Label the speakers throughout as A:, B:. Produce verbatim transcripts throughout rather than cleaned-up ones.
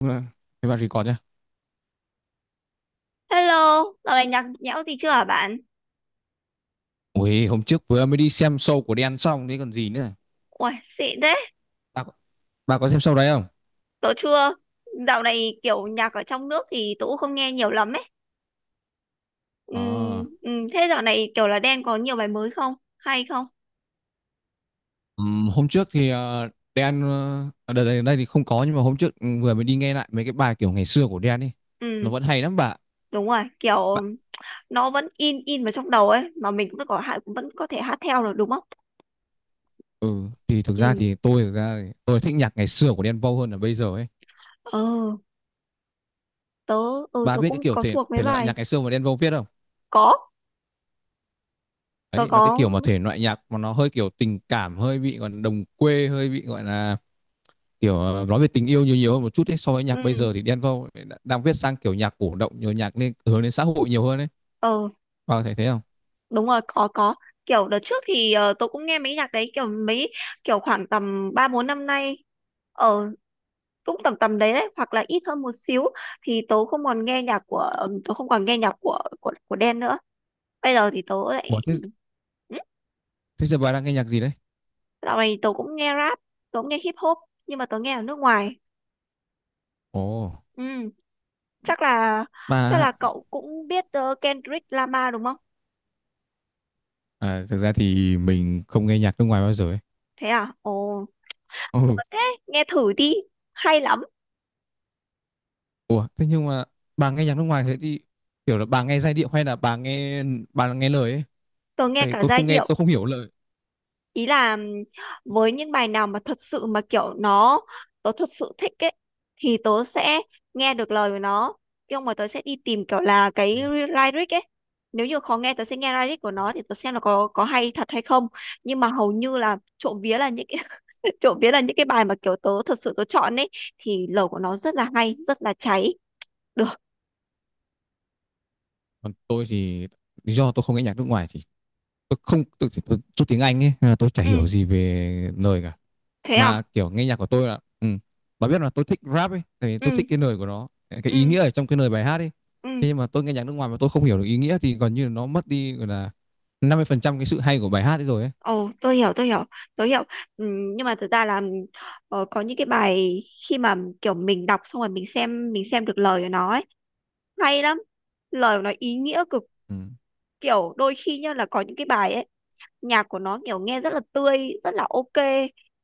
A: Đúng rồi. Thế bà record nhá.
B: Hello, dạo này nhạc nhẽo gì chưa hả bạn?
A: Ui, hôm trước vừa mới đi xem show của Đen xong thế còn gì nữa.
B: Uầy, xịn thế,
A: Bà, bà có xem show đấy không?
B: tớ chưa. Dạo này kiểu nhạc ở trong nước thì tớ cũng không nghe nhiều lắm ấy. Ừm,
A: À,
B: ừm, thế dạo này kiểu là Đen có nhiều bài mới không? Hay không?
A: ừm, hôm trước thì ờ, Đen ờ, ở đây, đây, đây thì không có, nhưng mà hôm trước ừ, vừa mới đi nghe lại mấy cái bài kiểu ngày xưa của Đen đi.
B: Ừm,
A: Nó vẫn hay lắm bà.
B: Đúng rồi,
A: Bà,
B: kiểu nó vẫn in in vào trong đầu ấy, mà mình cũng có hạ- cũng vẫn có thể hát theo được đúng không?
A: ừ thì thực ra
B: Ừm,
A: thì tôi thực ra thì tôi thích nhạc ngày xưa của Đen Vâu hơn là bây giờ ấy.
B: ờ, tớ, ừ,
A: Bà
B: tớ
A: biết cái
B: cũng
A: kiểu
B: có
A: thể
B: thuộc mấy
A: thể loại
B: bài.
A: nhạc ngày xưa mà Đen Vâu viết không?
B: Có, tớ
A: Đấy, nó cái
B: có.
A: kiểu mà thể loại nhạc mà nó hơi kiểu tình cảm, hơi bị còn đồng quê, hơi bị gọi là kiểu ờ, nói về tình yêu nhiều nhiều hơn một chút ấy, so với nhạc bây
B: ừm,
A: giờ thì Đen Vâu đang viết sang kiểu nhạc cổ động nhiều nhạc nên hướng đến xã hội nhiều hơn ấy.
B: ờ.
A: Bà thấy thế không?
B: Đúng rồi, có có kiểu đợt trước thì ờ, tôi cũng nghe mấy nhạc đấy, kiểu mấy kiểu khoảng tầm ba bốn năm nay, ở cũng tầm tầm đấy đấy hoặc là ít hơn một xíu, thì tớ không còn nghe nhạc của ờ, tớ không còn nghe nhạc của của của Đen nữa. Bây giờ thì tớ lại
A: Ủa, thế,
B: ừ,
A: thế giờ bà đang nghe nhạc gì đấy?
B: dạo này tớ cũng nghe rap, tớ cũng nghe hip hop nhưng mà tớ nghe ở nước ngoài.
A: Ồ,
B: Ừ, chắc là chắc là
A: bà.
B: cậu cũng biết ờ, Kendrick Lamar đúng không?
A: À, thực ra thì mình không nghe nhạc nước ngoài bao giờ ấy.
B: Thế à? Ồ, buồn
A: Ừ.
B: thế, nghe thử đi, hay lắm.
A: Ủa, thế nhưng mà bà nghe nhạc nước ngoài thế thì kiểu là bà nghe giai điệu hay là bà nghe bà nghe lời ấy?
B: Tớ nghe
A: Tại vì
B: cả
A: tôi
B: giai
A: không nghe
B: điệu,
A: tôi không hiểu lời.
B: ý là ừm, với những bài nào mà thật sự mà kiểu nó, tớ thật sự thích ấy, thì tớ sẽ nghe được lời của nó. Nhưng mà tớ sẽ đi tìm kiểu là cái lyric ấy, nếu như khó nghe tớ sẽ nghe lyric của nó thì tớ xem là có có hay thật hay không. Nhưng mà hầu như là trộm vía là những cái trộm vía là những cái bài mà kiểu tớ thật sự tớ chọn ấy, thì lời của nó rất là hay, rất là cháy. Được.
A: Còn tôi thì lý do tôi không nghe nhạc nước ngoài thì tôi không tôi, tôi, tôi, tôi tôi tiếng Anh ấy, nên là tôi chả
B: Ừ,
A: hiểu gì về lời cả.
B: thế
A: Mà
B: à.
A: kiểu nghe nhạc của tôi là, ừ. Bà biết là tôi thích rap ấy, tại vì tôi
B: Ừ,
A: thích cái lời của nó, cái
B: ừ,
A: ý nghĩa ở trong cái lời bài hát ấy.
B: ừ.
A: Thế nhưng mà tôi nghe nhạc nước ngoài mà tôi không hiểu được ý nghĩa thì gần như là nó mất đi, gọi là năm mươi phần trăm cái sự hay của bài hát ấy rồi ấy.
B: Ồ, tôi hiểu, tôi hiểu, tôi hiểu. Ừ, nhưng mà thực ra là ờ, có những cái bài, khi mà kiểu mình đọc xong rồi mình xem, mình xem được lời của nó ấy, hay lắm. Lời của nó ý nghĩa cực,
A: Ừ.
B: kiểu đôi khi nhá là có những cái bài ấy, nhạc của nó kiểu nghe rất là tươi, rất là ok,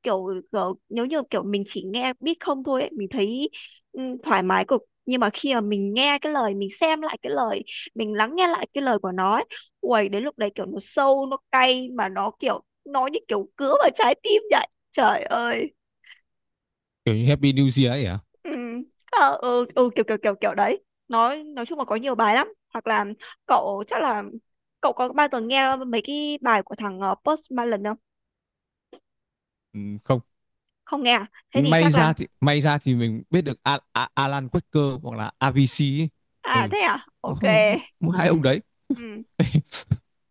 B: kiểu, kiểu nếu như kiểu mình chỉ nghe beat không thôi ấy, mình thấy ừ, thoải mái cực, nhưng mà khi mà mình nghe cái lời, mình xem lại cái lời, mình lắng nghe lại cái lời của nó ấy, uầy đến lúc đấy kiểu nó sâu, nó cay mà nó kiểu nó như kiểu cứa vào trái tim vậy. Trời ơi.
A: Kiểu như Happy New Year ấy à?
B: Ừ, à, ừ, ừ, kiểu kiểu kiểu kiểu đấy. Nói nói chung là có nhiều bài lắm, hoặc là cậu chắc là cậu có bao giờ nghe mấy cái bài của thằng ờ, Post Malone không?
A: Ừ, không.
B: Không nghe à? Thế thì
A: may
B: chắc
A: ra
B: là.
A: thì may ra thì mình biết được Al Al Alan Walker hoặc là a vê xê ấy.
B: À
A: Ừ.
B: thế à, ok.
A: Oh, mỗi hai ông đấy.
B: Ừ.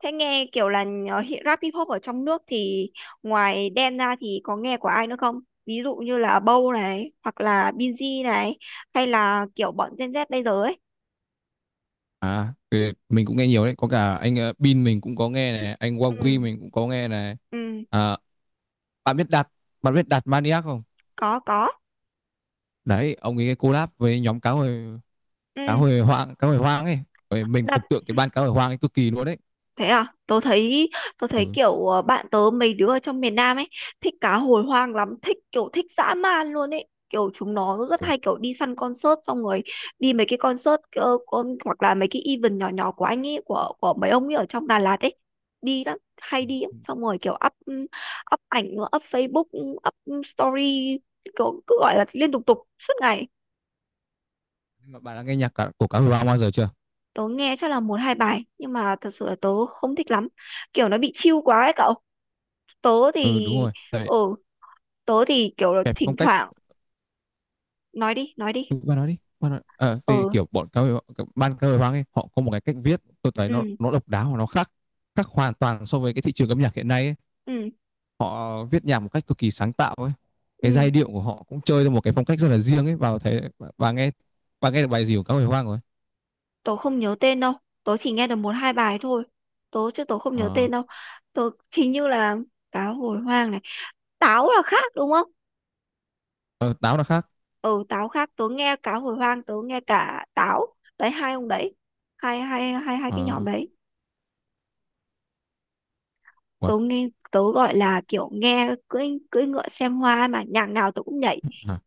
B: Thế nghe kiểu là nhờ hi- rap hip hop ở trong nước thì ngoài Đen ra thì có nghe của ai nữa không? Ví dụ như là Bow này, hoặc là Binz này, hay là kiểu bọn Gen Z bây giờ ấy.
A: À thì mình cũng nghe nhiều đấy, có cả anh uh, Bin mình cũng có nghe này, anh Wagi
B: Ừ,
A: mình cũng có nghe này.
B: ừ,
A: À, bạn biết đặt bạn biết đặt Maniac không?
B: có có
A: Đấy, ông ấy collab với nhóm cá hồi cá
B: ừ,
A: hồi hoang cá hồi hoang ấy. Rồi mình
B: đợt
A: thần tượng cái ban cá hồi hoang ấy cực kỳ luôn đấy.
B: thế à, tớ thấy tớ thấy
A: Ừ.
B: kiểu ờ, bạn tớ mấy đứa ở trong miền Nam ấy thích cá hồi hoang lắm, thích kiểu thích dã man luôn ấy. Kiểu chúng nó rất
A: Ủa,
B: hay kiểu đi săn concert, xong rồi đi mấy cái concert ờ, con hoặc là mấy cái event nhỏ nhỏ của anh ấy, của của mấy ông ấy ở trong Đà Lạt ấy. Đi lắm, hay đi lắm. Xong rồi kiểu up up ảnh, up Facebook, up story, kiểu cứ gọi là liên tục tục suốt ngày.
A: bạn đã nghe nhạc cả- của cá hồi hoang bao giờ chưa?
B: Tớ nghe chắc là một hai bài nhưng mà thật sự là tớ không thích lắm. Kiểu nó bị chill quá ấy cậu. tớ
A: Ừ,
B: thì
A: đúng rồi đấy.
B: ừ Tớ thì kiểu là
A: Kẹp
B: thỉnh
A: phong cách.
B: thoảng. Nói đi, nói đi.
A: Ừ, bạn nói đi, bạn nói. Ờ, thì
B: Ừ,
A: kiểu bọn cá hồi ban cá hồi hoang ấy họ có một cái cách viết, tôi thấy nó
B: ừ,
A: nó độc đáo và nó khác khác hoàn toàn so với cái thị trường âm nhạc hiện nay ấy.
B: ừ,
A: Họ viết nhạc một cách cực kỳ sáng tạo ấy. Cái
B: ừ,
A: giai điệu của họ cũng chơi theo một cái phong cách rất là riêng ấy vào thấy. Và nghe và nghe được bài gì của các hồi hoang rồi.
B: tớ không nhớ tên đâu, tớ chỉ nghe được một hai bài thôi, tớ chứ tớ không nhớ
A: Ờ.
B: tên đâu. Tớ hình như là cá hồi hoang này, táo là khác đúng không?
A: Ờ, táo là khác.
B: Ừ, táo khác, tớ nghe cá hồi hoang, tớ nghe cả táo. Đấy hai ông đấy, hai hai hai hai cái nhóm
A: Ờ.
B: đấy. Tớ nghe, tớ gọi là kiểu nghe cưỡi cưỡi ngựa xem hoa mà nhạc nào tớ cũng nhảy.
A: Hả?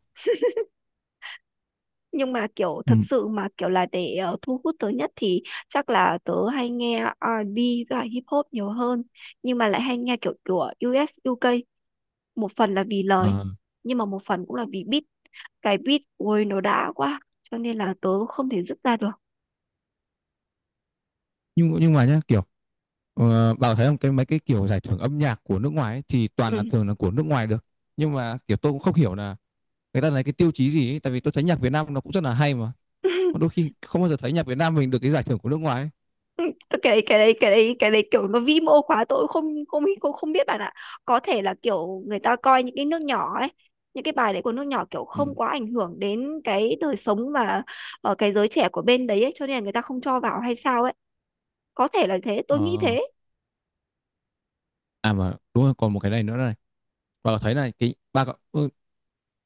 B: Nhưng mà kiểu
A: Ừ.
B: thật sự mà kiểu là để ờ, thu hút tớ nhất thì chắc là tớ hay nghe rờ và bê và hip hop nhiều hơn, nhưng mà lại hay nghe kiểu của u ét u ca, một phần là vì lời,
A: Ờ.
B: nhưng mà một phần cũng là vì beat. Cái beat ôi nó đã quá cho nên là tớ không thể dứt ra được.
A: nhưng nhưng mà nhá, kiểu ờ, bảo thấy không, cái mấy cái kiểu giải thưởng âm nhạc của nước ngoài ấy, thì toàn
B: Ừ.
A: là thường là của nước ngoài được. Nhưng mà kiểu tôi cũng không hiểu là người ta lấy cái tiêu chí gì ấy, tại vì tôi thấy nhạc Việt Nam nó cũng rất là hay mà. Mà đôi khi không bao giờ thấy nhạc Việt Nam mình được cái giải thưởng của nước ngoài ấy.
B: Ừ, tôi cái đấy cái đấy cái đấy cái đấy kiểu nó vi mô quá, tôi cũng không không không không biết bạn ạ. Có thể là kiểu người ta coi những cái nước nhỏ ấy, những cái bài đấy của nước nhỏ kiểu
A: Ừ.
B: không quá ảnh hưởng đến cái đời sống và ở cái giới trẻ của bên đấy ấy, cho nên là người ta không cho vào hay sao ấy. Có thể là thế, tôi nghĩ
A: Ờ.
B: thế.
A: À mà đúng rồi, còn một cái này nữa này. Bà có thấy là cái bà có ừ,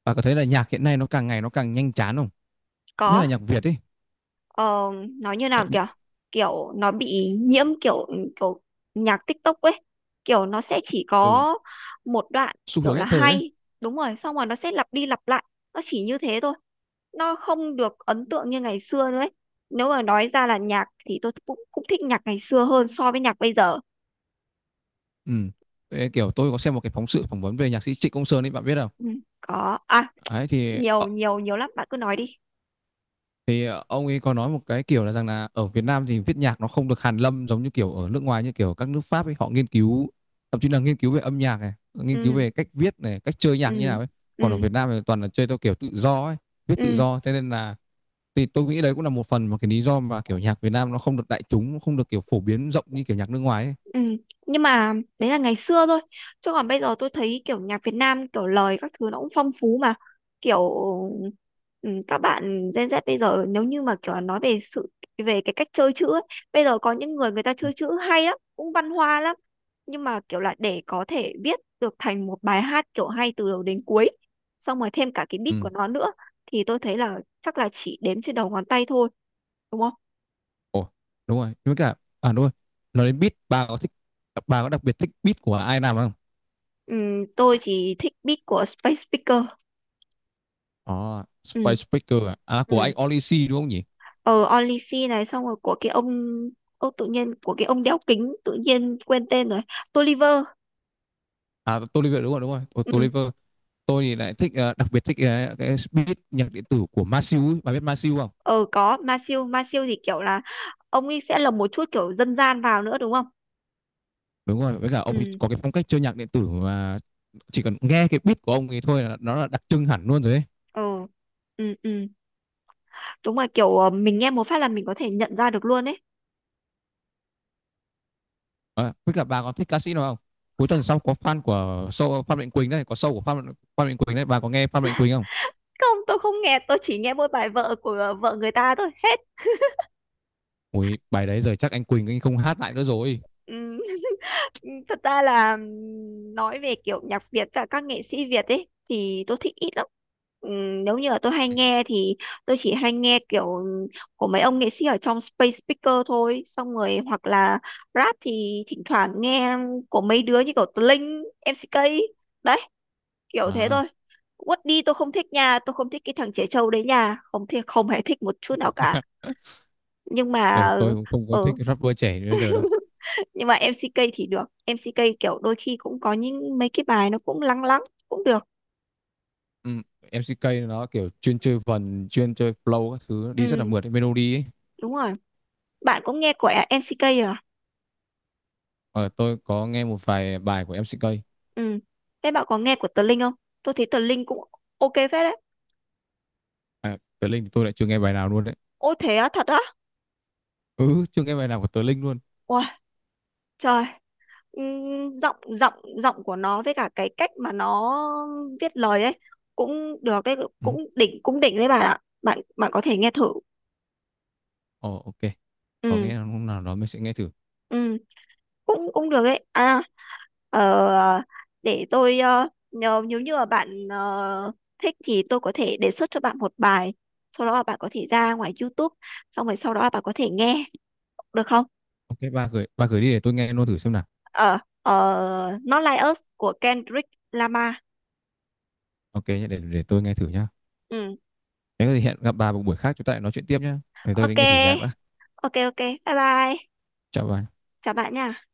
A: bà có thấy là nhạc hiện nay nó càng ngày nó càng nhanh chán không? Nhất
B: Có,
A: là nhạc Việt ấy.
B: ờ, nói như
A: Ờ,
B: nào, kiểu kiểu nó bị nhiễm kiểu ừ, kiểu nhạc TikTok ấy, kiểu nó sẽ chỉ
A: ừ,
B: có một đoạn,
A: xu
B: kiểu
A: hướng
B: là
A: nhất thời ấy.
B: hay, đúng rồi xong rồi nó sẽ lặp đi lặp lại, nó chỉ như thế thôi, nó không được ấn tượng như ngày xưa nữa ấy. Nếu mà nói ra là nhạc thì tôi cũng cũng thích nhạc ngày xưa hơn so với nhạc bây giờ.
A: Ừ. Thế kiểu tôi có xem một cái phóng sự phỏng vấn về nhạc sĩ Trịnh Công Sơn ấy, bạn biết không?
B: Ừ, có à?
A: Đấy thì ờ,
B: Nhiều nhiều nhiều lắm, bạn cứ nói đi.
A: thì ờ, ông ấy có nói một cái kiểu là rằng là ở Việt Nam thì viết nhạc nó không được hàn lâm giống như kiểu ở nước ngoài, như kiểu các nước Pháp ấy họ nghiên cứu, thậm chí là nghiên cứu về âm nhạc này, nghiên cứu
B: Ừ,
A: về cách viết này, cách chơi nhạc
B: ừ,
A: như nào ấy. Còn ở
B: ừ,
A: Việt Nam thì toàn là chơi theo kiểu tự do ấy, viết tự
B: ừ.
A: do thế nên là thì tôi nghĩ đấy cũng là một phần mà cái lý do mà, kiểu, nhạc Việt Nam nó không được đại chúng, không được, kiểu, phổ biến rộng như, kiểu, nhạc nước ngoài ấy.
B: Ừ. Nhưng mà đấy là ngày xưa thôi, chứ còn bây giờ tôi thấy kiểu nhạc Việt Nam kiểu lời các thứ nó cũng phong phú mà. Kiểu ừ, các bạn Gen Z bây giờ nếu như mà kiểu là nói về sự, về cái cách chơi chữ ấy, bây giờ có những người, người ta chơi
A: Ừm.
B: chữ hay lắm, cũng văn hoa lắm, nhưng mà kiểu là để có thể viết được thành một bài hát kiểu hay từ đầu đến cuối, xong rồi thêm cả cái beat của
A: Ừm.
B: nó nữa, thì tôi thấy là chắc là chỉ đếm trên đầu ngón tay thôi đúng không?
A: Ồ, đúng rồi, với cả à, đúng rồi, nói đến beat, bà có thích bà có đặc biệt thích beat của ai làm không?
B: Ừ, tôi chỉ thích beat của Space Speaker.
A: Ờ, Spice
B: Ừ.
A: Speaker à? À, của
B: Ừ.
A: anh Olisi đúng không nhỉ?
B: ờ Only C này, xong rồi của cái ông, ô tự nhiên của cái ông đeo kính tự nhiên quên tên rồi. Tolliver.
A: À, Toliver, đúng rồi, đúng rồi, Tôi
B: Ừ.
A: Toliver. Tôi thì lại thích, ờ, đặc biệt thích, ờ, cái beat nhạc điện tử của Masiu ấy, bà biết Masiu không?
B: ờ có, Ma Siêu, Ma Siêu thì kiểu là ông ấy sẽ lồng một chút kiểu dân gian vào nữa đúng không?
A: Đúng rồi, với cả ông ấy
B: Ừ.
A: có cái phong cách chơi nhạc điện tử mà chỉ cần nghe cái beat của ông ấy thôi là nó là đặc trưng hẳn luôn rồi ấy.
B: Ờ. Ừ, ừ, đúng rồi, kiểu ờ, mình nghe một phát là mình có thể nhận ra được luôn ấy.
A: À, với cả bà có thích ca sĩ nào không? Cuối tuần sau có fan của show Phan Mạnh Quỳnh đấy, có show của Phan Phan Mạnh Quỳnh đấy, bà có nghe Phan Mạnh Quỳnh không?
B: Không, tôi không nghe, tôi chỉ nghe mỗi bài vợ của ờ, vợ người ta thôi hết.
A: Ui, bài đấy giờ chắc anh Quỳnh anh không hát lại nữa rồi.
B: Ừ. Ừ, thật ra là ừm, nói về kiểu nhạc Việt và các nghệ sĩ Việt ấy thì tôi thích ít lắm. Ừm, Nếu như là tôi hay nghe thì tôi chỉ hay nghe kiểu ừm, của mấy ông nghệ sĩ ở trong Space Speaker thôi. Xong rồi hoặc là rap thì thỉnh thoảng nghe của mấy đứa như kiểu Tờ Linh, em xê ca. Đấy, kiểu thế
A: À,
B: thôi. Quất đi, tôi không thích nha, tôi không thích cái thằng Trẻ Trâu đấy nha. Không thì không hề thích một chút nào cả. Nhưng mà
A: ờ, tôi cũng không có thích
B: ừ,
A: rapper trẻ như bây giờ đâu.
B: nhưng mà em xê ca thì được, em xê ca kiểu đôi khi cũng có những mấy cái bài nó cũng lắng lắng, cũng được.
A: Ừ, em xê ca nó kiểu chuyên chơi vần, chuyên chơi flow các thứ đi rất là
B: Ừ,
A: mượt, melody ấy.
B: đúng rồi, bạn cũng nghe của em xê ca à?
A: Ờ, tôi có nghe một vài bài của em xê ca.
B: Ừ, thế bạn có nghe của Tờ Linh không? Tôi thấy Tờ Linh cũng ok phết đấy.
A: À, Tờ Linh thì tôi lại chưa nghe bài nào luôn đấy.
B: Ôi thế á, thật á?
A: Ừ, chưa nghe bài nào của Tờ Linh luôn.
B: Ôi trời. Ừm, giọng giọng giọng của nó với cả cái cách mà nó viết lời ấy cũng được đấy,
A: Ừ,
B: cũng đỉnh, cũng đỉnh đấy bạn ạ, bạn bạn có thể nghe thử.
A: ồ, ok. Có
B: Ừ,
A: nghe hôm nào đó mình sẽ nghe thử.
B: ừ, cũng cũng được đấy à. ờ, để tôi ờ, nhờ, nếu như mà bạn ờ, thích thì tôi có thể đề xuất cho bạn một bài, sau đó là bạn có thể ra ngoài YouTube, xong rồi sau đó là bạn có thể nghe được không?
A: Ok, ba gửi, ba gửi đi để tôi nghe luôn thử xem nào.
B: ờ ờ, Not Like Us của Kendrick Lamar.
A: Ok nhé, để để tôi nghe thử nhá.
B: Ừ,
A: Nếu có gì hẹn gặp bà một buổi khác chúng ta lại nói chuyện tiếp nhá. Để tôi đi
B: ok,
A: nghe thử nhạc đã.
B: ok, ok, bye bye,
A: Chào bà.
B: chào bạn nha.